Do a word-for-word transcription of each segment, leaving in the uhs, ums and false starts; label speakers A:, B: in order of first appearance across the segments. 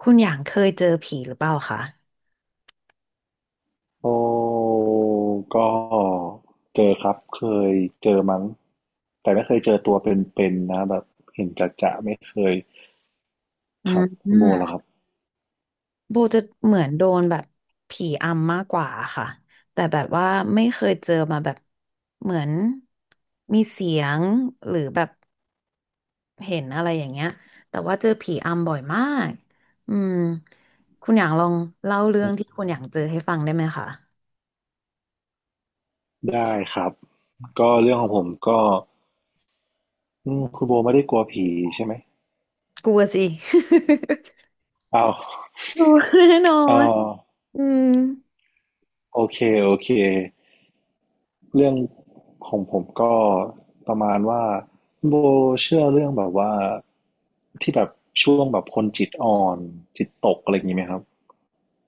A: คุณอย่างเคยเจอผีหรือเปล่าคะ
B: โอ้ก็เจอครับเคยเจอมั้งแต่ไม่เคยเจอตัวเป็นๆนะแบบเห็นจะๆไม่เคย
A: อื
B: ค
A: ม
B: รับ
A: อื
B: คุณโบ
A: ม
B: ล่ะครับ
A: โบจะเหมือนโดนแบบผีอำมากกว่าค่ะแต่แบบว่าไม่เคยเจอมาแบบเหมือนมีเสียงหรือแบบเห็นอะไรอย่างเงี้ยแต่ว่าเจอผีอำบ่อยมากอืมคุณอย่างลองเล่าเรื่องที่คุณอย่างเจอให้ฟังได้ไหมคะ
B: ได้ครับก็เรื่องของผมก็อืมคุณโบไม่ได้กลัวผีใช่ไหม
A: กลัวสิ
B: อ้าว
A: กลัวแน่นอ
B: อ้า
A: น
B: ว
A: อืม
B: โอเคโอเคเรื่องของผมก็ประมาณว่าคุณโบเชื่อเรื่องแบบว่าที่แบบช่วงแบบคนจิตอ่อนจิตตกอะไรอย่างนี้ไหมครับ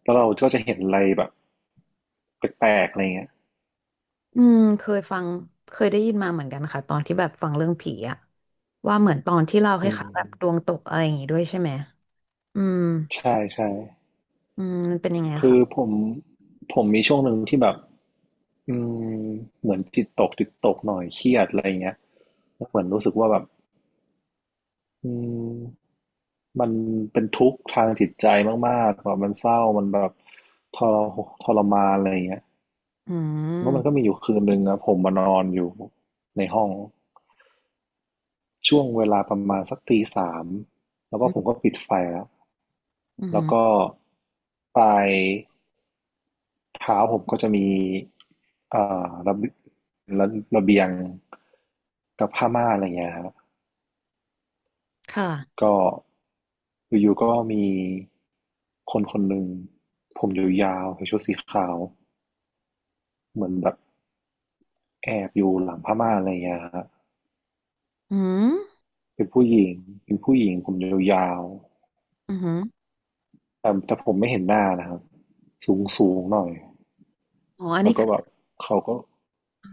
B: แล้วเราก็จะเห็นอะไรแบบ แปลกๆอะไรเงี้ย
A: อืมเคยฟังเคยได้ยินมาเหมือนกันค่ะตอนที่แบบฟังเรื่องผีอะว่าเหมือนตอนที่เล่าให้
B: อื
A: ค่ะ
B: ม
A: แบบดวงตกอะไรอย่างงี้ด้วยใช่ไหมอืม
B: ใช่ใช่
A: อืมมันเป็นยังไงอะ
B: คื
A: คะ
B: อผมผมมีช่วงหนึ่งที่แบบอืมเหมือนจิตตกจิตตกหน่อยเครียดอะไรเงี้ยแล้วเหมือนรู้สึกว่าแบบอืมมันเป็นทุกข์ทางจิตใจมากๆแบบมันเศร้ามันแบบทรทรมานอะไรเงี้ย
A: อื
B: แล้วมันก็มี
A: ม
B: อยู่คืนหนึ่งนะผมมานอนอยู่ในห้องช่วงเวลาประมาณสักตีสามแล้วก็
A: อืม
B: ผมก็ปิดไฟแล้ว
A: อื
B: แล้ว
A: ม
B: ก็ไป เท้าผมก็จะมีเอ่อระเบีระระเบียงกับผ้าม่านอะไรเงี้ยครับ
A: ค่ะ
B: ก็อยู่ๆก็มีคนคนหนึ่งผมยาวๆใส่ชุดสีขาว เหมือนแบบแอบอยู่หลังผ้าม่านอะไรเงี้ยครับ
A: อืม
B: เป็นผู้หญิง เป็นผู้หญิงผมยาว
A: อืม
B: ๆแต่แต่ผมไม่เห็นหน้านะครับสูงสูงหน่อย
A: อ๋ออัน
B: แล้
A: นี้
B: วก็
A: คือ
B: แบบเขาก็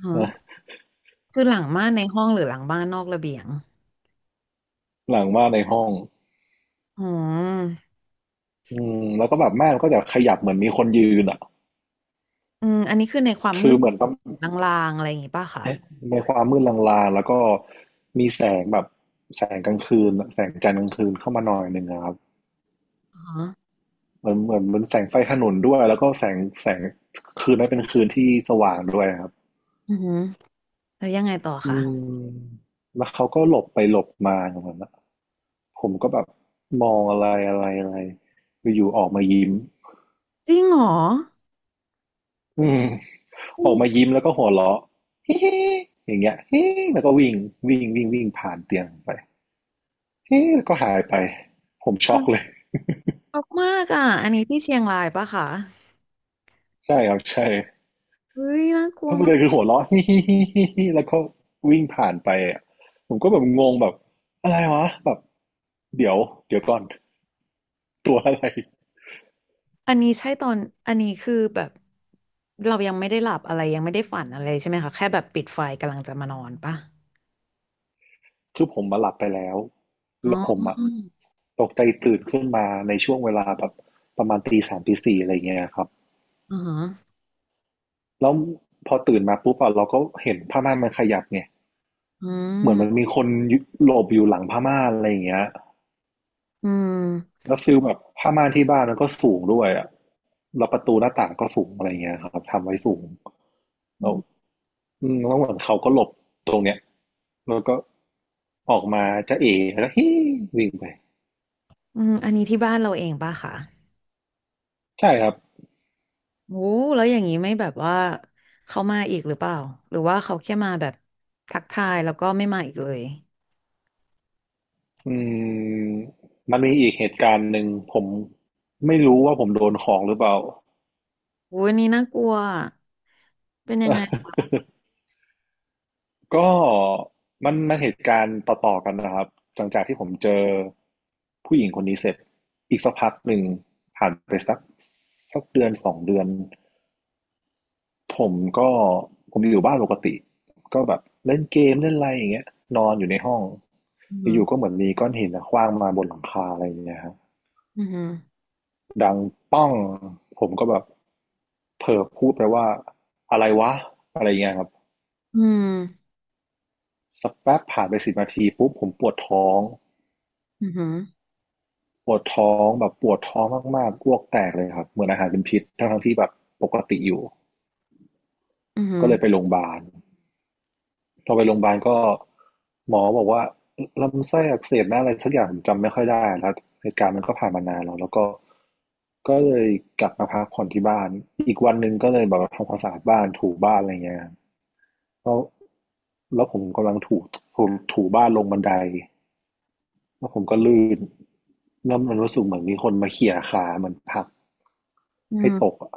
A: อ๋อ คือหลังม่านในห้องหรือหลังบ้านนอกระเบียง
B: หลังม่านในห้อง
A: อ๋อ
B: อืมแล้วก็แบบม่านก็จะขยับเหมือนมีคนยืนอ่ะ
A: อืมอันนี้คือในความมื
B: คือ
A: ด
B: เหมือน
A: ลางๆอะไรอย่างงี้ป่ะคะ
B: เอ๊ะในความมืดลางๆ แล้วก็มีแสงแบบแสงกลางคืนแสงจันทร์กลางคืนเข้ามาหน่อยหนึ่งอะครับ
A: อ๋อ
B: เหมือนเหมือนเหมือนแสงไฟถนนด้วยแล้วก็แสงแสงคืนนั้นเป็นคืนที่สว่างด้วยครับ
A: อืมแล้วยังไงต่อ
B: อื
A: คะ
B: มแล้วเขาก็หลบไปหลบมาอย่างนั้นนะผมก็แบบมองอะไรอะไรอะไรอยู่ๆออกมายิ้ม
A: จริงเหรอ
B: อืม
A: อื
B: ออ
A: ม
B: กมายิ้มแล้วก็หัวเราะ ฮิฮิอย่างเงี้ย ฮิแล้วก็วิ่งวิ่งวิ่งวิ่งผ่านเตียงไป ฮิแล้วก็หายไปผมช็อกเลย
A: ช็อกมากอ่ะอันนี้ที่เชียงรายป่ะคะ
B: ใช่ครับใช่
A: เฮ้ยน่ากลั
B: เพ
A: ว
B: ราะประ
A: มา
B: เด็
A: ก
B: นคือหัวเราะ ฮิฮิฮิฮิฮิแล้วก็วิ่งผ่านไปอะผมก็แบบงงแบบอะไรวะแบบเดี๋ยวเดี๋ยวก่อนตัวอะไร
A: อันนี้ใช่ตอนอันนี้คือแบบเรายังไม่ได้หลับอะไรยังไม่ได้ฝันอะไรใช่ไหมคะแค่แบบปิดไฟกำลังจะมานอนปะ
B: คือผมมาหลับไปแล้ว
A: อ๋
B: แล้วผม
A: อ
B: อะตกใจตื่นขึ้นมาในช่วงเวลาแบบประมาณตีสามตีสี่อะไรเงี้ยครับ
A: อ๋อ
B: แล้วพอตื่นมาปุ๊บอะเราก็เห็นผ้าม่านมันขยับไง
A: อื
B: เหมือนมัน
A: ม
B: มีคนหลบอยู่หลังผ้าม่านอะไรอย่างเงี้ย
A: อืม
B: แล้วฟิลแบบผ้าม่านที่บ้านมันก็สูงด้วยอะแล้วประตูหน้าต่างก็สูงอะไรเงี้ยครับทำไว้สูง
A: อื
B: เราว
A: ม
B: อืมแล้วเหมือนเขาก็หลบตรงเนี้ยแล้วก็ออกมาจะเอแล้วฮิวิ่งไป
A: อืมอันนี้ที่บ้านเราเองปะคะ
B: ใช่ครับ
A: โอ้แล้วอย่างนี้ไม่แบบว่าเขามาอีกหรือเปล่าหรือว่าเขาแค่มาแบบทักทายแล้วก็ไม่มาอีกเลย
B: อืมมันมีอีกเหตุการณ์หนึ่งผมไม่รู้ว่าผมโดนของหรือเปล่า
A: โอ้ยอันนี้น่ากลัวเป็นยังไงคะ
B: ก็มันมันเหตุการณ์ต่อๆกันนะครับหลังจากที่ผมเจอผู้หญิงคนนี้เสร็จอีกสักพักหนึ่งผ่านไปสักสักเดือนสองเดือน ผมก็ผมอยู่บ้านปกติก็แบบเล่นเกมเล่นอะไรอย่างเงี้ยนอนอยู่ในห้อง
A: อื
B: อยู่ๆก็เห
A: ม
B: มือนมีก้อนหินอะขว้างมาบนหลังคาอะไรอย่างเงี้ยครับ
A: อหืม
B: ดังป้องผมก็แบบเผลอพูดไปว่าอะไรวะอะไรอย่างเงี้ยครับ
A: ออืม
B: สักแป๊บผ่านไปสิบนาทีปุ๊บผมปวดท้อง
A: อืม
B: ปวดท้องแบบปวดท้องมากๆอ้วกแตกเลยครับเหมือนอาหารเป็นพิษทั้งๆที่แบบปกติอยู่
A: อืมอื
B: ก็
A: ม
B: เลยไปโรงพยาบาล พอไปโรงพยาบาลก็หมอบอกว่าลำไส้อักเสบนะอะไรสักอย่างผมจำไม่ค่อยได้แล้วเหตุการณ์มันก็ผ่านมานานแล้วแล้วก็ก็เลยกลับมาพักผ่อนที่บ้านอีกวันหนึ่งก็เลยแบบว่าทำความสะอาดบ้านถูบ้านอะไรเงี้ยแล้วแล้วผมกำลังถูถูถูบ้านลงบันไดแล้วผมก็ลื่นแล้วมันรู้สึกเหมือนมีคนมาเขี่ยขาเหมือนผลัก
A: อื
B: ให้
A: ม
B: ตกอะ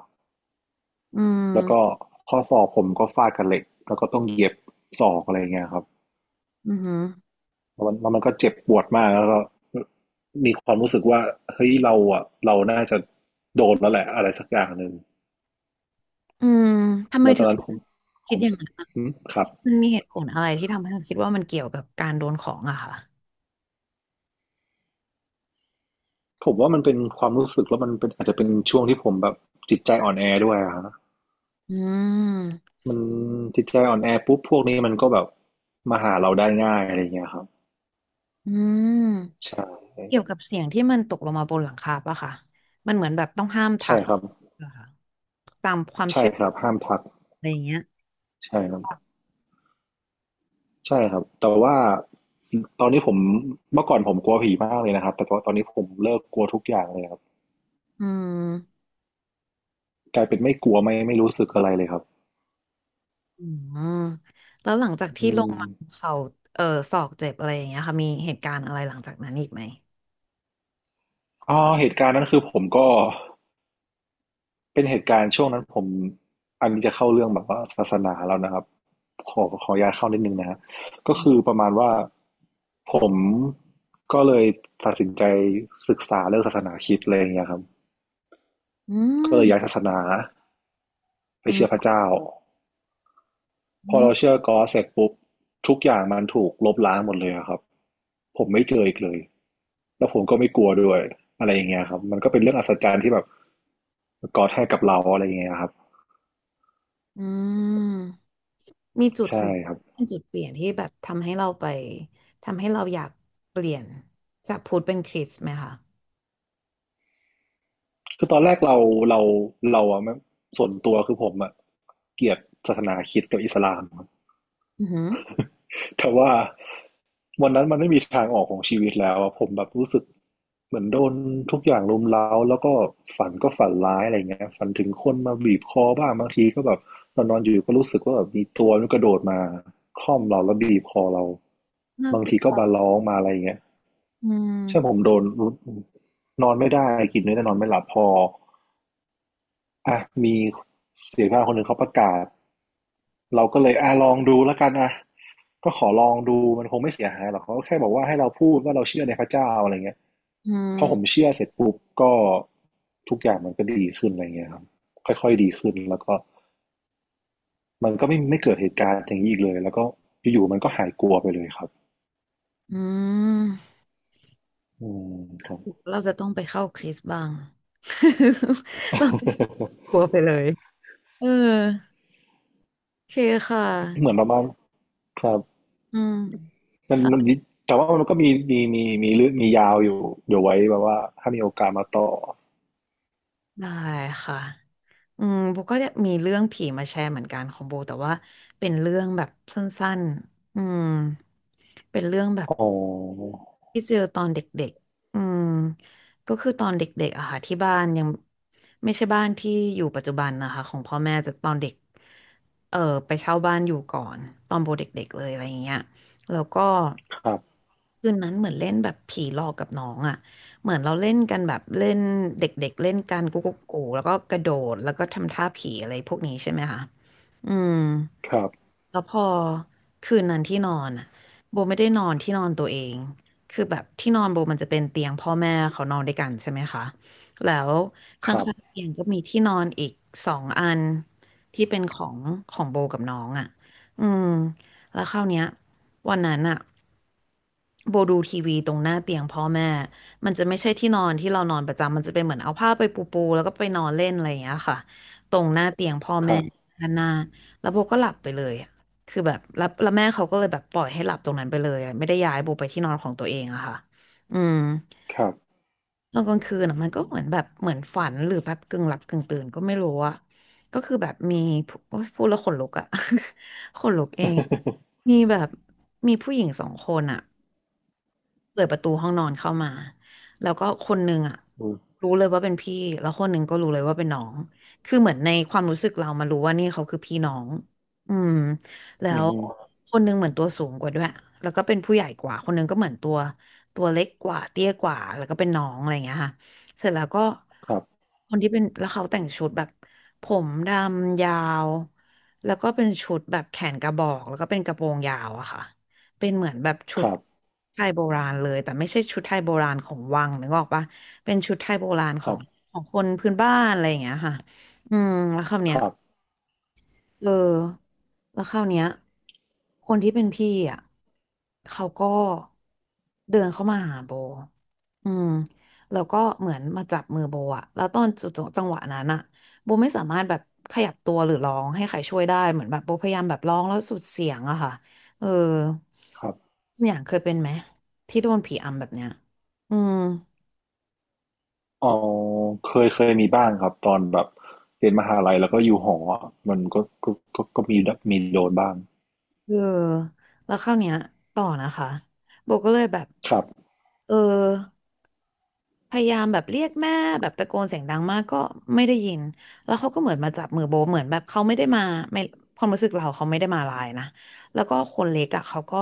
A: อื
B: แล้วก็
A: ม
B: ข้อศอกผมก็ฟาดกับเหล็กแล้วก็ต้องเย็บศอกอะไรเงี้ยครับ
A: อือหือ
B: แล้มันแล้วมันก็เจ็บปวดมากแล้วก็มีความรู้สึกว่าเฮ้ยเราอ่ะเราน่าจะโดนแล้วแหละอะไรสักอย่างหนึ่ง
A: อืมทำไม
B: แล้วต
A: ถึ
B: อน
A: ง
B: นั้นผมผ
A: คิด
B: ม
A: อย่างนั้นอะ
B: อืมครับ
A: มันมีเหตุผลอะไรที่ทำให้เราคิดว่ามันเกี่ยวกับการโดนของอะค่ะ
B: ผมว่ามันเป็นความรู้สึกแล้วมันเป็นอาจจะเป็นช่วงที่ผมแบบจิตใจอ่อนแอด้วยอะฮะ
A: อืม
B: มันจิตใจอ่อนแอปุ๊บพวกนี้มันก็แบบมาหาเราได้ง่ายอะไรเงี้ยครับ
A: อืม
B: ใช่
A: เกี่ยวกับเสียงที่มันตกลงมาบนหลังคาปะค่ะมันเหมือนแบบต้องห้ามทั
B: ใช่
A: กเห
B: ครับ
A: รอคะตามความ
B: ใช่
A: เชื่อ
B: ครับห้ามทัก
A: อะไรอย่างเงี้ย
B: ใช่ครับ ใช่ครับแต่ว่าตอนนี้ผมเมื่อก่อนผมกลัวผีมากเลยนะครับแต่ว่าตอนนี้ผมเลิกกลัวทุกอย่างเลยครับ
A: อืม
B: กลายเป็นไม่กลัวไม่ไม่รู้สึกอะไรเลยครับ
A: อืมแล้วหลังจาก
B: อื
A: ที่ลง
B: ม
A: มาเขาเออศอกเจ็บอะไรอย่างเงี้ยค่ะมีเหตุการณ์อะไรหลังจากนั้นอีกไหม
B: อ๋อเหตุการณ์นั้นคือผมก็เป็นเหตุการณ์ช่วงนั้นผมอันนี้จะเข้าเรื่องแบบว่าศาสนาแล้วนะครับขอขออนุญาตเข้านิดนึงนะฮะก็คือประมาณว่าผมก็เลยตัดสินใจศึกษาเรื่องศาสนาคริสต์อะไรอย่างเงี้ยครับ
A: อื
B: ก็
A: ม
B: เลยย้ายศาสนาไป
A: อื
B: เชื่อพ
A: ม
B: ระเจ้า พอเราเชื่อกอสเสร็จปุ๊บทุกอย่างมันถูกลบล้างหมดเลยอะครับผมไม่เจออีกเลยแล้วผมก็ไม่กลัวด้วยอะไรอย่างเงี้ยครับมันก็เป็นเรื่องอัศจรรย์ที่แบบกอดให้กับเราอะไรอย่างเงี้ยครับ
A: อืม มีจุดแบ
B: ใช่
A: บ
B: ครับ
A: เป็นจุดเปลี่ยนที่แบบทำให้เราไปทำให้เราอยากเปลี่ยนจากพุทธเป็นคริสต์ไหมคะ
B: คือตอนแรกเราเราเราอะไม่ส่วนตัวคือผมอะเกลียดศาสนาคริสต์กับอิสลามครับ
A: อือหือ
B: แต่ว่าวันนั้นมันไม่มีทางออกของชีวิตแล้วอะผมแบบรู้สึกเหมือนโดนทุกอย่างรุมเร้าแล้วก็ฝันก็ฝันร้ายอะไรเงี้ยฝันถึงคนมาบีบคอบ้างบางทีก็แบบเอนนอนอยู่ก็รู้สึกว่าแบบมีตัวมันกระโดดมาคล่อมเราแล้วบีบคอเรา
A: น่า
B: บาง
A: กลั
B: ทีก็
A: ว
B: บาร้องมาอะไรเงี้ย
A: อื
B: ใช่ผ
A: ม
B: มโดนนอนไม่ได้กินไม่ได้นอนไม่หลับพออ่ะมีเสียงข้างคนหนึ่งเขาประกาศ เราก็เลยอ่ะลองดูแล้วกันอ่ะก็ขอลองดูมันคงไม่เสียหายหรอกเขาก็แค่บอกว่าให้เราพูดว่าเราเชื่อในพระเจ้าอะไรเงี้ย
A: อื
B: พอผม
A: ม
B: เชื่อเสร็จปุ๊บก็ทุกอย่างมันก็ดีขึ้นอะไรเงี้ยครับค่อยๆดีขึ้นแล้วก็มันก็ไม่ไม่เกิดเหตุการณ์อย่างนี้อีกเลยแล้วก็อยู่ๆมันก็หายกลัวไปเลยครับ
A: อืม
B: อืมครับ
A: เราจะต้องไปเข้าคริสต์บ้าง เราก ลัวไปเลยเออโอเคค่ะ
B: เหมือนประมาณครับ
A: อืม
B: มันมันแต่ว่ามันก็มีมีมีมีเรื่องมียาวอยู่เดี๋ยวไว้แบบว่าถ้ามีโอกาสมาต่อ
A: ได้ค่ะอืมโบก็เนี่ยมีเรื่องผีมาแชร์เหมือนกันของโบแต่ว่าเป็นเรื่องแบบสั้นๆอืมเป็นเรื่องแบบ
B: อ๋อ
A: ที่เจอตอนเด็กๆอืมก็คือตอนเด็กๆอะค่ะที่บ้านยังไม่ใช่บ้านที่อยู่ปัจจุบันนะคะของพ่อแม่จะตอนเด็กเออไปเช่าบ้านอยู่ก่อนตอนโบเด็กๆเลยอะไรอย่างเงี้ยแล้วก็
B: ครับ
A: คืนนั้นเหมือนเล่นแบบผีหลอกกับน้องอะเหมือนเราเล่นกันแบบเล่นเด็กๆเล่นกันกุ๊กกุ๊กกูแล้วก็กระโดดแล้วก็ทำท่าผีอะไรพวกนี้ใช่ไหมคะอืม
B: ครับ
A: แล้วพอคืนนั้นที่นอนอ่ะโบไม่ได้นอนที่นอนตัวเองคือแบบที่นอนโบมันจะเป็นเตียงพ่อแม่เขานอนด้วยกันใช่ไหมคะแล้ว
B: ครับ
A: ข้างๆเตียงก็มีที่นอนอีกสองอันที่เป็นของของโบกับน้องอ่ะอืมแล้วคราวเนี้ยวันนั้นอ่ะโบดูทีวีตรงหน้าเตียงพ่อแม่มันจะไม่ใช่ที่นอนที่เรานอนประจำมันจะเป็นเหมือนเอาผ้าไปปูปูแล้วก็ไปนอนเล่นอะไรอย่างเงี้ยค่ะตรงหน้าเตียงพ่อ
B: ค
A: แม่
B: รับ
A: ด้านหน้าแล้วโบก็หลับไปเลย คือแบบแล้วแล้วแม่เขาก็เลยแบบปล่อยให้หลับตรงนั้นไปเลยอะไม่ได้ย้ายโบไปที่นอนของตัวเองอะค่ะอืม
B: ครับ
A: ตอนกลางคืนอะมันก็เหมือนแบบเหมือนฝันหรือแบบกึ่งหลับกึ่งตื่นก็ไม่รู้อะก็คือแบบมีผู้โอ๊ยพูดแล้วขนลุกอะ ขนลุกเอง มีแบบมีผู้หญิงสองคนอะ เปิดประตูห้องนอนเข้ามาแล้วก็คนหนึ่งอ่ะ
B: อืม
A: รู้เลยว่าเป็นพี่แล้วคนหนึ่งก็รู้เลยว่าเป็นน้องคือเหมือนในความรู้สึกเรามารู้ว่านี่เขาคือพี่น้องอืมแล้
B: อื
A: ว
B: อ
A: คนหนึงเหมือนตัวสูงกว่าด้วยแล้วก็เป็นผู้ใหญ่กว่าคนหนึงก็เหมือนตัวตัวเล็กกว่าเตี้ยกว่าแล้วก็เป็นน้องอะไรอย่างเงี้ยค่ะเสร็จแล้วก็
B: ครับ
A: คนที่เป็นแล้วเขาแต่งชุดแบบผมดำยาวแล้วก็เป็นชุดแบบแขนกระบอกแล้วก็เป็นกระโปรงยาวอะค่ะ เป็นเหมือนแบบชุ
B: ค
A: ด
B: รับ
A: ไทยโบราณเลยแต่ไม่ใช่ชุดไทยโบราณของวังนึกออกปะเป็นชุดไทยโบราณข
B: ค
A: อ
B: รั
A: ง
B: บ
A: ของคนพื้นบ้านอะไรอย่างเงี้ยค่ะอืมแล้วคำเนี้
B: ค
A: ย
B: รับ
A: เออแล้วคราวเนี้ยคนที่เป็นพี่อ่ะเขาก็เดินเข้ามาหาโบอืมแล้วก็เหมือนมาจับมือโบอ่ะแล้วตอนจุดจังหวะนั้นอ่ะโบไม่สามารถแบบขยับตัวหรือร้องให้ใครช่วยได้เหมือนแบบโบพยายามแบบร้องแล้วสุดเสียงอะค่ะเออ
B: ครับ
A: คุณอย่างเคยเป็นไหมที่โดนผีอำแบบเนี้ยอืม
B: อ๋อเคยเคยมีบ้างครับตอนแบบเรียนมหาลัยแล้วก็อยู่หออะมันก็ก็ก็ก็มีมีโดนบ้าง
A: เออแล้วคราวเนี้ยต่อนะคะโบก็เลยแบบ
B: ครับ
A: เออ พยายามแบบเรียกแม่แบบตะโกนเสียงดังมากก็ไม่ได้ยินแล้วเขาก็เหมือนมาจับมือโบเหมือนแบบเขาไม่ได้มาไม่ความรู้สึกเราเขาไม่ได้มาลายนะแล้วก็คนเล็กอ่ะเขาก็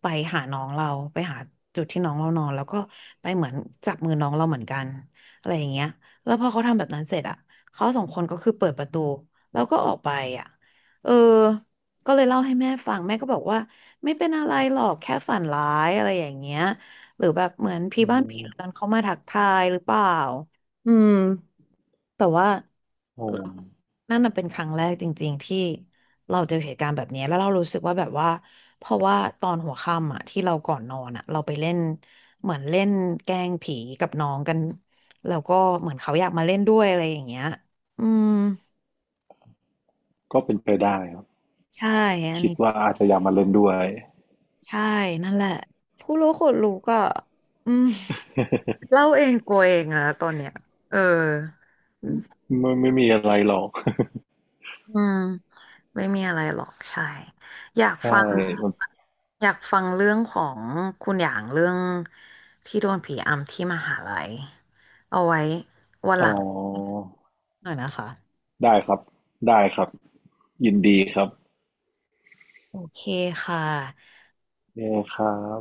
A: ไปหาน้องเราไปหาจุดที่น้องเรานอนแล้วก็ไปเหมือนจับมือน้องเราเหมือนกันอะไรอย่างเงี้ยแล้วพอเขาทำแบบนั้นเสร็จอ่ะเขาสองคนก็คือเปิดประตูแล้วก็ออกไปอ่ะเออก็เลยเล่าให้แม่ฟังแม่ก็บอกว่าไม่เป็นอะไรหรอกแค่ฝันร้ายอะไรอย่างเงี้ย หรือแบบเหมือนพี่
B: อื
A: บ้านพี่เรือน
B: ม
A: เขามาทักทายหรือเปล่าอืมแต่ว่า
B: โอ้
A: นั่นน่ะเป็นครั้งแรกจริงๆที่เราเจอเหตุการณ์แบบนี้แล้วเรารู้สึกว่าแบบว่าเพราะว่าตอนหัวค่ำอ่ะที่เราก่อนนอนอ่ะเราไปเล่นเหมือนเล่นแกล้งผีกับน้องกันแล้วก็เหมือนเขาอยากมาเล่นด้วยอะไรอย่างเงี้ยอืม
B: ก็เป็นไปได้ครับ
A: ใช่อัน
B: คิด
A: นี้
B: ว่าอาจจะอยากมาเล่นด้วย
A: ใช่นั่นแหละผู้รู้คนรู้ก็อืม เล่าเองกลัวเองนะตอนเนี้ยเออ
B: ไม่ไม่มีอะไรหรอก
A: อืมไม่มีอะไรหรอกใช่อยาก
B: ใช่
A: ฟัง
B: มัน
A: อยากฟังเรื่องของคุณอย่างเรื่องที่โดนผีอำที่มหาลัยเอาไว้วันห
B: อ๋อ
A: ลังหน่อยนะคะ
B: ได้ครับ ได้ครับ ยินดีครับ
A: โอเคค่ะ
B: เย้ครับ